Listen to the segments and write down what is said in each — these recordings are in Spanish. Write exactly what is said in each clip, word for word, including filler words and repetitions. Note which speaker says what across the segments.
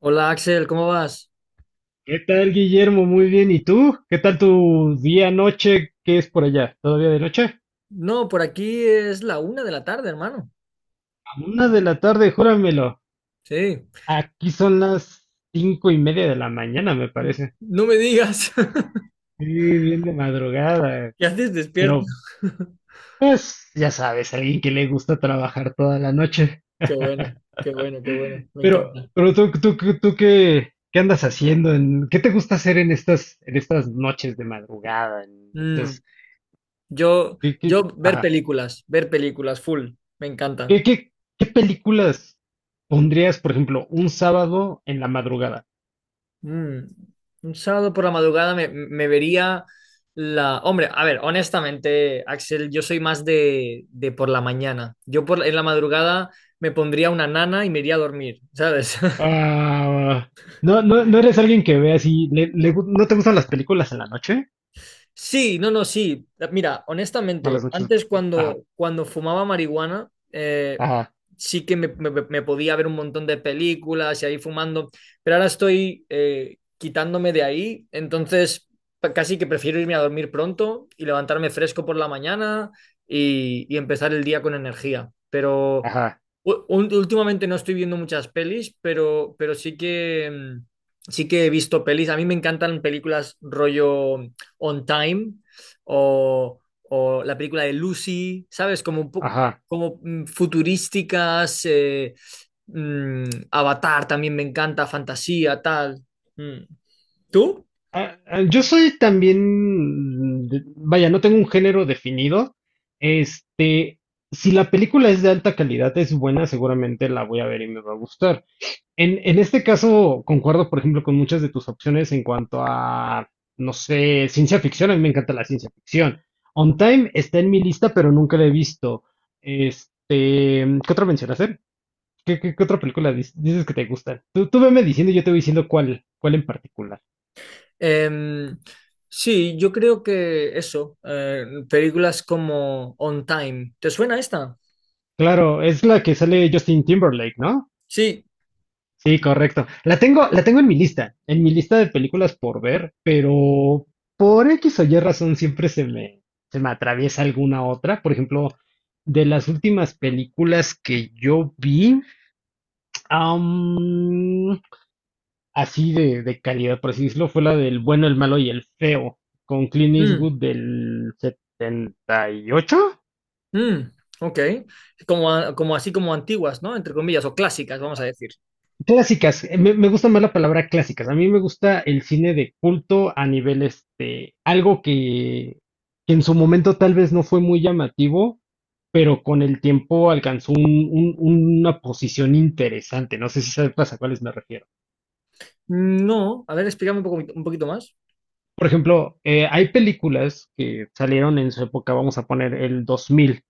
Speaker 1: Hola Axel, ¿cómo vas?
Speaker 2: ¿Qué tal, Guillermo? Muy bien. ¿Y tú? ¿Qué tal tu día, noche? ¿Qué es por allá? ¿Todavía de noche?
Speaker 1: No, por aquí es la una de la tarde, hermano.
Speaker 2: A una de la tarde, júramelo.
Speaker 1: Sí.
Speaker 2: Aquí son las cinco y media de la mañana, me parece.
Speaker 1: No me digas.
Speaker 2: Sí, bien de madrugada.
Speaker 1: ¿Ya haces despierto?
Speaker 2: Pero, pues, ya sabes, alguien que le gusta trabajar toda la noche.
Speaker 1: Qué bueno, qué bueno, qué bueno. Me
Speaker 2: Pero,
Speaker 1: encanta.
Speaker 2: pero tú, tú, tú, tú ¿qué, qué andas haciendo? ¿En- qué te gusta hacer en estas, en estas noches de madrugada? En
Speaker 1: Mm,
Speaker 2: estas,
Speaker 1: yo,
Speaker 2: ¿qué,
Speaker 1: yo
Speaker 2: qué?
Speaker 1: ver películas, ver películas, full. Me encanta.
Speaker 2: ¿Qué, qué, qué películas pondrías, por ejemplo, un sábado en la madrugada?
Speaker 1: Mm, un sábado por la madrugada me, me vería la... Hombre, a ver, honestamente, Axel, yo soy más de, de por la mañana. Yo por, en la madrugada me pondría una nana y me iría a dormir, ¿sabes?
Speaker 2: Ah, no, no, no eres alguien que ve así, le- le gu- ¿no te gustan las películas en la noche?
Speaker 1: Sí, no, no, sí. Mira,
Speaker 2: No,
Speaker 1: honestamente,
Speaker 2: las noches de-
Speaker 1: antes
Speaker 2: película. Ajá,
Speaker 1: cuando, cuando fumaba marihuana, eh,
Speaker 2: ajá,
Speaker 1: sí que me, me- me podía ver un montón de películas y ahí fumando, pero ahora estoy eh, quitándome de ahí, entonces pa- casi que prefiero irme a dormir pronto y levantarme fresco por la mañana y, y empezar el día con energía. Pero
Speaker 2: ajá,
Speaker 1: U- un- últimamente no estoy viendo muchas pelis, pero, pero sí que, mm, sí que he visto pelis. A mí me encantan películas rollo mm, On Time o, o la película de Lucy, ¿sabes? Como, un po-
Speaker 2: ajá.
Speaker 1: como mm, futurísticas, eh, mm, Avatar también me encanta, fantasía, tal. Mm. ¿Tú?
Speaker 2: Ah, ah, yo soy también, de- vaya, no tengo un género definido. Este, si la película es de alta calidad, es buena, seguramente la voy a ver y me va a gustar. En, en este caso, concuerdo, por ejemplo, con muchas de tus opciones en cuanto a, no sé, ciencia ficción. A mí me encanta la ciencia ficción. On Time está en mi lista, pero nunca la he visto. Este, ¿qué otra mencionaste? ¿Qué, qué, qué otra película dis- dices que te gusta? Tú, tú veme diciendo y yo te voy diciendo cuál, cuál en particular.
Speaker 1: Em, sí, yo creo que eso, eh, películas como On Time. ¿Te suena esta?
Speaker 2: Claro, es la que sale Justin Timberlake, ¿no?
Speaker 1: Sí.
Speaker 2: Sí, correcto. La tengo, la tengo en mi lista, en mi lista de películas por ver, pero por X o Y razón siempre se me, se me atraviesa alguna otra. Por ejemplo, de las últimas películas que yo vi, am, así de, de calidad, por así decirlo, fue la del bueno, el malo y el feo, con Clint
Speaker 1: Mm.
Speaker 2: Eastwood del setenta y ocho.
Speaker 1: Mm, ok. Como, a- como así como antiguas, ¿no? Entre comillas, o clásicas, vamos a decir.
Speaker 2: Clásicas, eh, me, me gusta más la palabra clásicas. A mí me gusta el cine de culto a nivel este, algo que, que en su momento tal vez no fue muy llamativo, pero con el tiempo alcanzó un- un- una posición interesante. No sé si sabes a cuáles me refiero.
Speaker 1: No, a ver, explícame un poco, un poquito más.
Speaker 2: Por ejemplo, eh, hay películas que salieron en su época, vamos a poner el dos mil.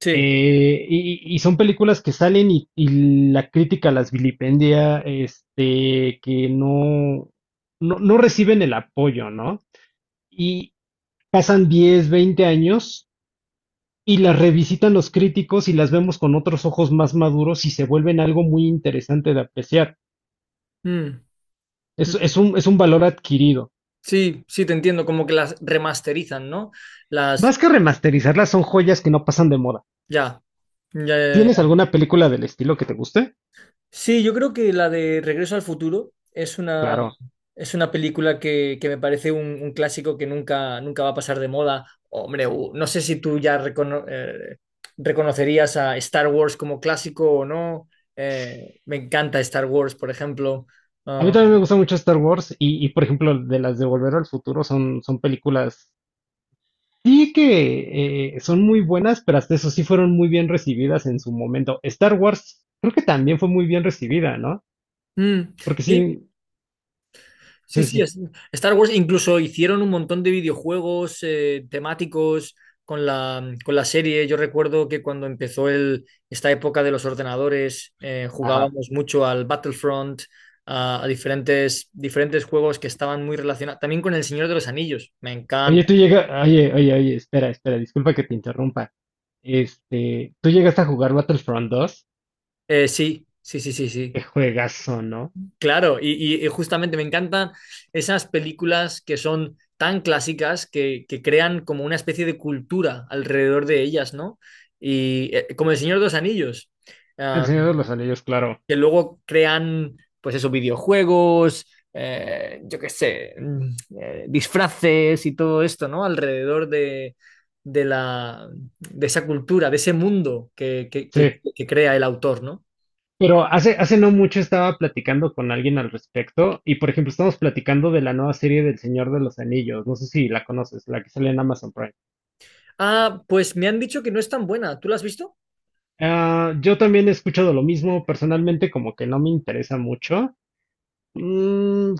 Speaker 1: Sí.
Speaker 2: Eh, y, y son películas que salen y, y la crítica las vilipendia, este, que no, no, no reciben el apoyo, ¿no? Y pasan diez, veinte años y las revisitan los críticos y las vemos con otros ojos más maduros y se vuelven algo muy interesante de apreciar.
Speaker 1: Mm, mm.
Speaker 2: Es, es
Speaker 1: mm.
Speaker 2: un, es un valor adquirido.
Speaker 1: Sí, sí, te entiendo, como que las remasterizan, ¿no? Las,
Speaker 2: Más que remasterizarlas, son joyas que no pasan de moda.
Speaker 1: ya, ya,
Speaker 2: ¿Tienes alguna película del estilo que te guste?
Speaker 1: sí, yo creo que la de Regreso al Futuro es una,
Speaker 2: Claro.
Speaker 1: es una película que, que me parece un, un clásico que nunca, nunca va a pasar de moda. Hombre, u- no sé si tú ya recono- eh, reconocerías a Star Wars como clásico o no. Eh, me encanta Star Wars, por ejemplo.
Speaker 2: A mí
Speaker 1: Ah,
Speaker 2: también me gusta mucho Star Wars y, y, por ejemplo, de las de Volver al Futuro son, son películas, sí que eh, son muy buenas, pero hasta eso sí fueron muy bien recibidas en su momento. Star Wars creo que también fue muy bien recibida, ¿no?
Speaker 1: mm,
Speaker 2: Porque
Speaker 1: sí,
Speaker 2: sí,
Speaker 1: Sí,
Speaker 2: sí,
Speaker 1: sí,
Speaker 2: sí,
Speaker 1: es- Star Wars incluso hicieron un montón de videojuegos eh, temáticos con la, mm, con la serie. Yo recuerdo que cuando empezó el, esta época de los ordenadores, eh,
Speaker 2: ajá.
Speaker 1: jugábamos mucho al Battlefront, a, a diferentes, diferentes juegos que estaban muy relacionados. También con El Señor de los Anillos, me
Speaker 2: Oye,
Speaker 1: encanta.
Speaker 2: tú llegas, oye, oye, oye, espera, espera, disculpa que te interrumpa. Este, ¿tú llegaste a jugar Battlefront dos?
Speaker 1: Eh, sí, sí, sí, sí, sí.
Speaker 2: Qué juegazo, ¿no?
Speaker 1: Claro, y, y- y justamente me encantan esas películas que son tan clásicas que, que crean como una especie de cultura alrededor de ellas, ¿no? Y eh, como El Señor de los Anillos,
Speaker 2: El
Speaker 1: ah,
Speaker 2: Señor de los Anillos, claro.
Speaker 1: que luego crean, pues esos videojuegos, eh, yo qué sé, mm, eh, disfraces y todo esto, ¿no? Alrededor de, de la, de esa cultura, de ese mundo que, que que-
Speaker 2: Sí,
Speaker 1: que crea el autor, ¿no?
Speaker 2: pero hace, hace no mucho estaba platicando con alguien al respecto y, por ejemplo, estamos platicando de la nueva serie del Señor de los Anillos. No sé si la conoces, la que sale en Amazon Prime.
Speaker 1: Ah, pues me han dicho que no es tan buena. ¿Tú la has visto?
Speaker 2: Ah, yo también he escuchado lo mismo, personalmente como que no me interesa mucho. Mm,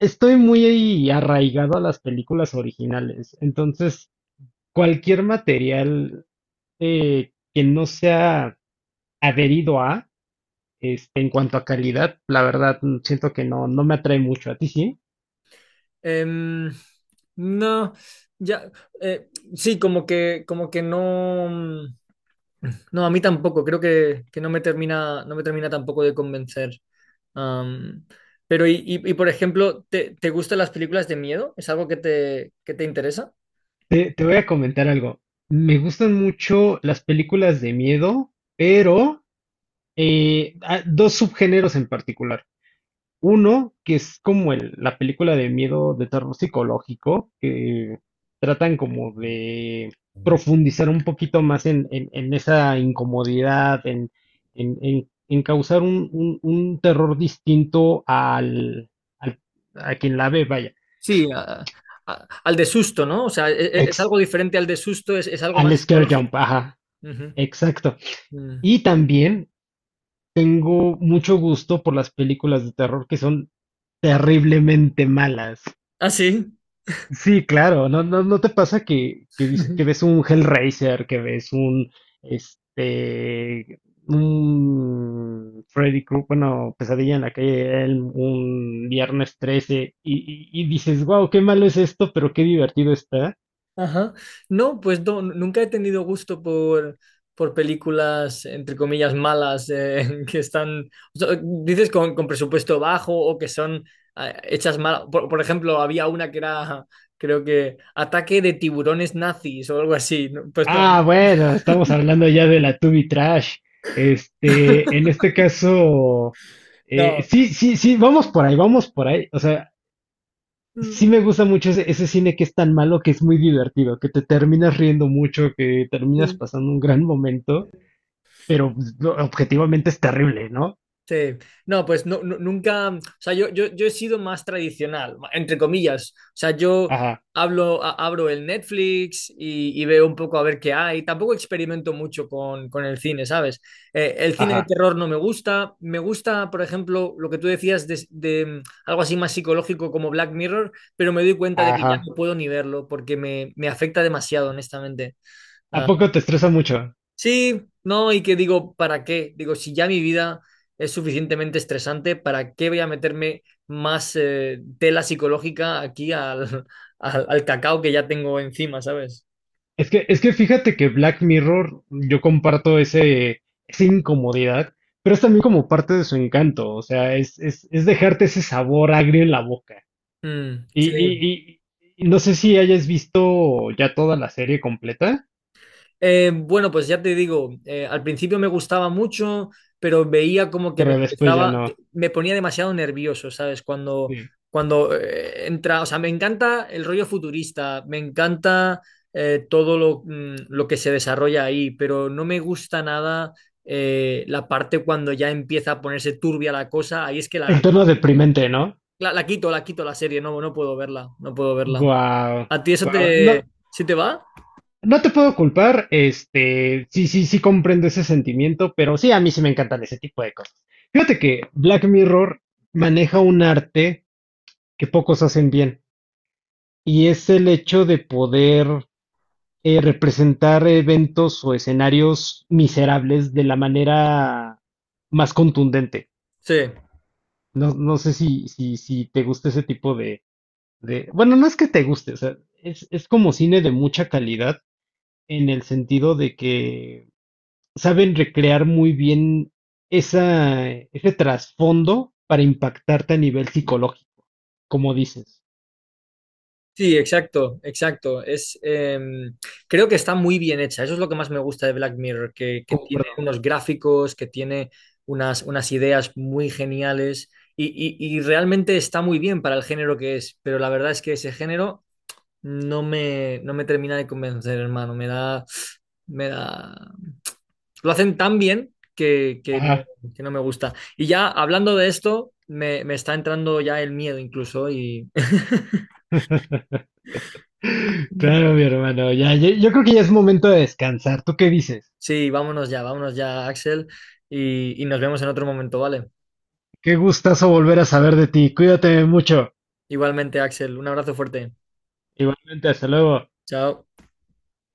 Speaker 2: estoy muy arraigado a las películas originales, entonces cualquier material eh, que no sea adherido a, este, en cuanto a calidad, la verdad mm, siento que no, no me atrae mucho. ¿A ti sí?
Speaker 1: Em, no, ya, eh, sí, como que, como que no, mm, no, a mí tampoco, creo que, que no me termina, no me termina tampoco de convencer. Am, pero, y, y- y, por ejemplo, ¿te, ¿te gustan las películas de miedo? ¿Es algo que te, que te interesa?
Speaker 2: Te, te voy a comentar algo. Me gustan mucho las películas de miedo, pero eh, ah, dos subgéneros en particular. Uno, que es como el- la película de miedo de terror psicológico, que tratan como de profundizar un poquito más en, en- en esa incomodidad, en, en- en- en causar un, un- un terror distinto al, al- a quien la ve, vaya.
Speaker 1: Sí, a- a- al de susto, ¿no? O sea, e- e- es,
Speaker 2: Ex-
Speaker 1: algo diferente al de susto, es, es algo
Speaker 2: Al
Speaker 1: más
Speaker 2: scare jump,
Speaker 1: psicológico.
Speaker 2: ajá,
Speaker 1: Ujú.
Speaker 2: exacto.
Speaker 1: Mm.
Speaker 2: Y también tengo mucho gusto por las películas de terror que son terriblemente malas.
Speaker 1: ¿Ah, sí?
Speaker 2: Sí, claro, ¿no, no, no te pasa que, que, vis- que ves un Hellraiser, que ves un, este, un Freddy Krueger, bueno, Pesadilla en la calle de Elm, un Viernes trece, y, y- y dices, wow, qué malo es esto, pero qué divertido está?
Speaker 1: Ajá. No, pues no, nunca he tenido gusto por, por películas, entre comillas, malas, eh, que están, o sea, dices, con, con presupuesto bajo o que son eh, hechas mal. Por, por ejemplo, había una que era, creo que, ataque de tiburones nazis o algo así. No, pues no,
Speaker 2: Ah, bueno, estamos hablando ya de la Tubi Trash. Este, en este caso, eh,
Speaker 1: no.
Speaker 2: sí, sí, sí, vamos por ahí, vamos por ahí. O sea,
Speaker 1: Mm,
Speaker 2: sí me gusta mucho ese, ese cine que es tan malo que es muy divertido, que te terminas riendo mucho, que terminas
Speaker 1: sí.
Speaker 2: pasando un gran momento, pero pues, lo- objetivamente es terrible, ¿no?
Speaker 1: Sí, no, pues no, nu- nunca, o sea, yo, yo, yo he sido más tradicional, ma- entre comillas, o sea, yo
Speaker 2: Ajá,
Speaker 1: hablo, a- abro el Netflix y, y veo un poco a ver qué hay, tampoco experimento mucho con, con el cine, ¿sabes? Eh, el cine de
Speaker 2: ajá,
Speaker 1: terror no me gusta, me gusta, por ejemplo, lo que tú decías de, de, mm, algo así más psicológico como Black Mirror, pero me doy cuenta de que ya
Speaker 2: ajá.
Speaker 1: no puedo ni verlo porque me, me afecta demasiado, honestamente.
Speaker 2: ¿A
Speaker 1: Ah,
Speaker 2: poco te estresa mucho?
Speaker 1: sí, no, y que digo, ¿para qué? Digo, si ya mi vida es suficientemente estresante, ¿para qué voy a meterme más eh, tela psicológica aquí al, al, al cacao que ya tengo encima, ¿sabes?
Speaker 2: Es que, es que fíjate que Black Mirror, yo comparto ese, esa incomodidad, pero es también como parte de su encanto, o sea, es, es, es dejarte ese sabor agrio en la boca.
Speaker 1: Mm,
Speaker 2: Y,
Speaker 1: sí.
Speaker 2: y, y- y no sé si hayas visto ya toda la serie completa,
Speaker 1: Eh, bueno, pues ya te digo, eh, al principio me gustaba mucho, pero veía como que me
Speaker 2: pero después ya
Speaker 1: empezaba,
Speaker 2: no.
Speaker 1: me ponía demasiado nervioso, ¿sabes? Cuando,
Speaker 2: Sí.
Speaker 1: cuando eh, entra, o sea, me encanta el rollo futurista, me encanta eh, todo lo, mm, lo que se desarrolla ahí, pero no me gusta nada eh, la parte cuando ya empieza a ponerse turbia la cosa, ahí es que
Speaker 2: El
Speaker 1: la,
Speaker 2: tono deprimente, ¿no?
Speaker 1: la, la quito, la quito la serie, no, no puedo verla, no puedo verla.
Speaker 2: Guau,
Speaker 1: ¿A ti eso
Speaker 2: guau. No,
Speaker 1: te, sí te va?
Speaker 2: no te puedo culpar, este, sí, sí, sí comprendo ese sentimiento, pero sí, a mí sí me encantan ese tipo de cosas. Fíjate que Black Mirror maneja un arte que pocos hacen bien, y es el hecho de poder eh, representar eventos o escenarios miserables de la manera más contundente.
Speaker 1: Sí.
Speaker 2: No, no sé si, si, si te gusta ese tipo de, de- bueno, no es que te guste, o sea, es, es como cine de mucha calidad en el sentido de que saben recrear muy bien esa, ese trasfondo para impactarte a nivel psicológico, como dices.
Speaker 1: Sí, exacto, exacto. Es, em, creo que está muy bien hecha. Eso es lo que más me gusta de Black Mirror, que, que
Speaker 2: Como,
Speaker 1: tiene
Speaker 2: perdón.
Speaker 1: unos gráficos, que tiene unas, unas ideas muy geniales y, y- y realmente está muy bien para el género que es. Pero la verdad es que ese género no me, no me termina de convencer, hermano. Me da, me da, lo hacen tan bien que, que no,
Speaker 2: Ajá.
Speaker 1: que no me gusta. Y ya hablando de esto, me, me está entrando ya el miedo incluso y...
Speaker 2: Claro, mi hermano, ya, ya- yo creo que ya es momento de descansar. ¿Tú qué dices?
Speaker 1: Sí, vámonos ya, vámonos ya, Axel, y, y nos vemos en otro momento, ¿vale?
Speaker 2: Qué gustazo volver a saber de ti. Cuídate mucho.
Speaker 1: Igualmente, Axel, un abrazo fuerte.
Speaker 2: Igualmente, hasta luego.
Speaker 1: Chao.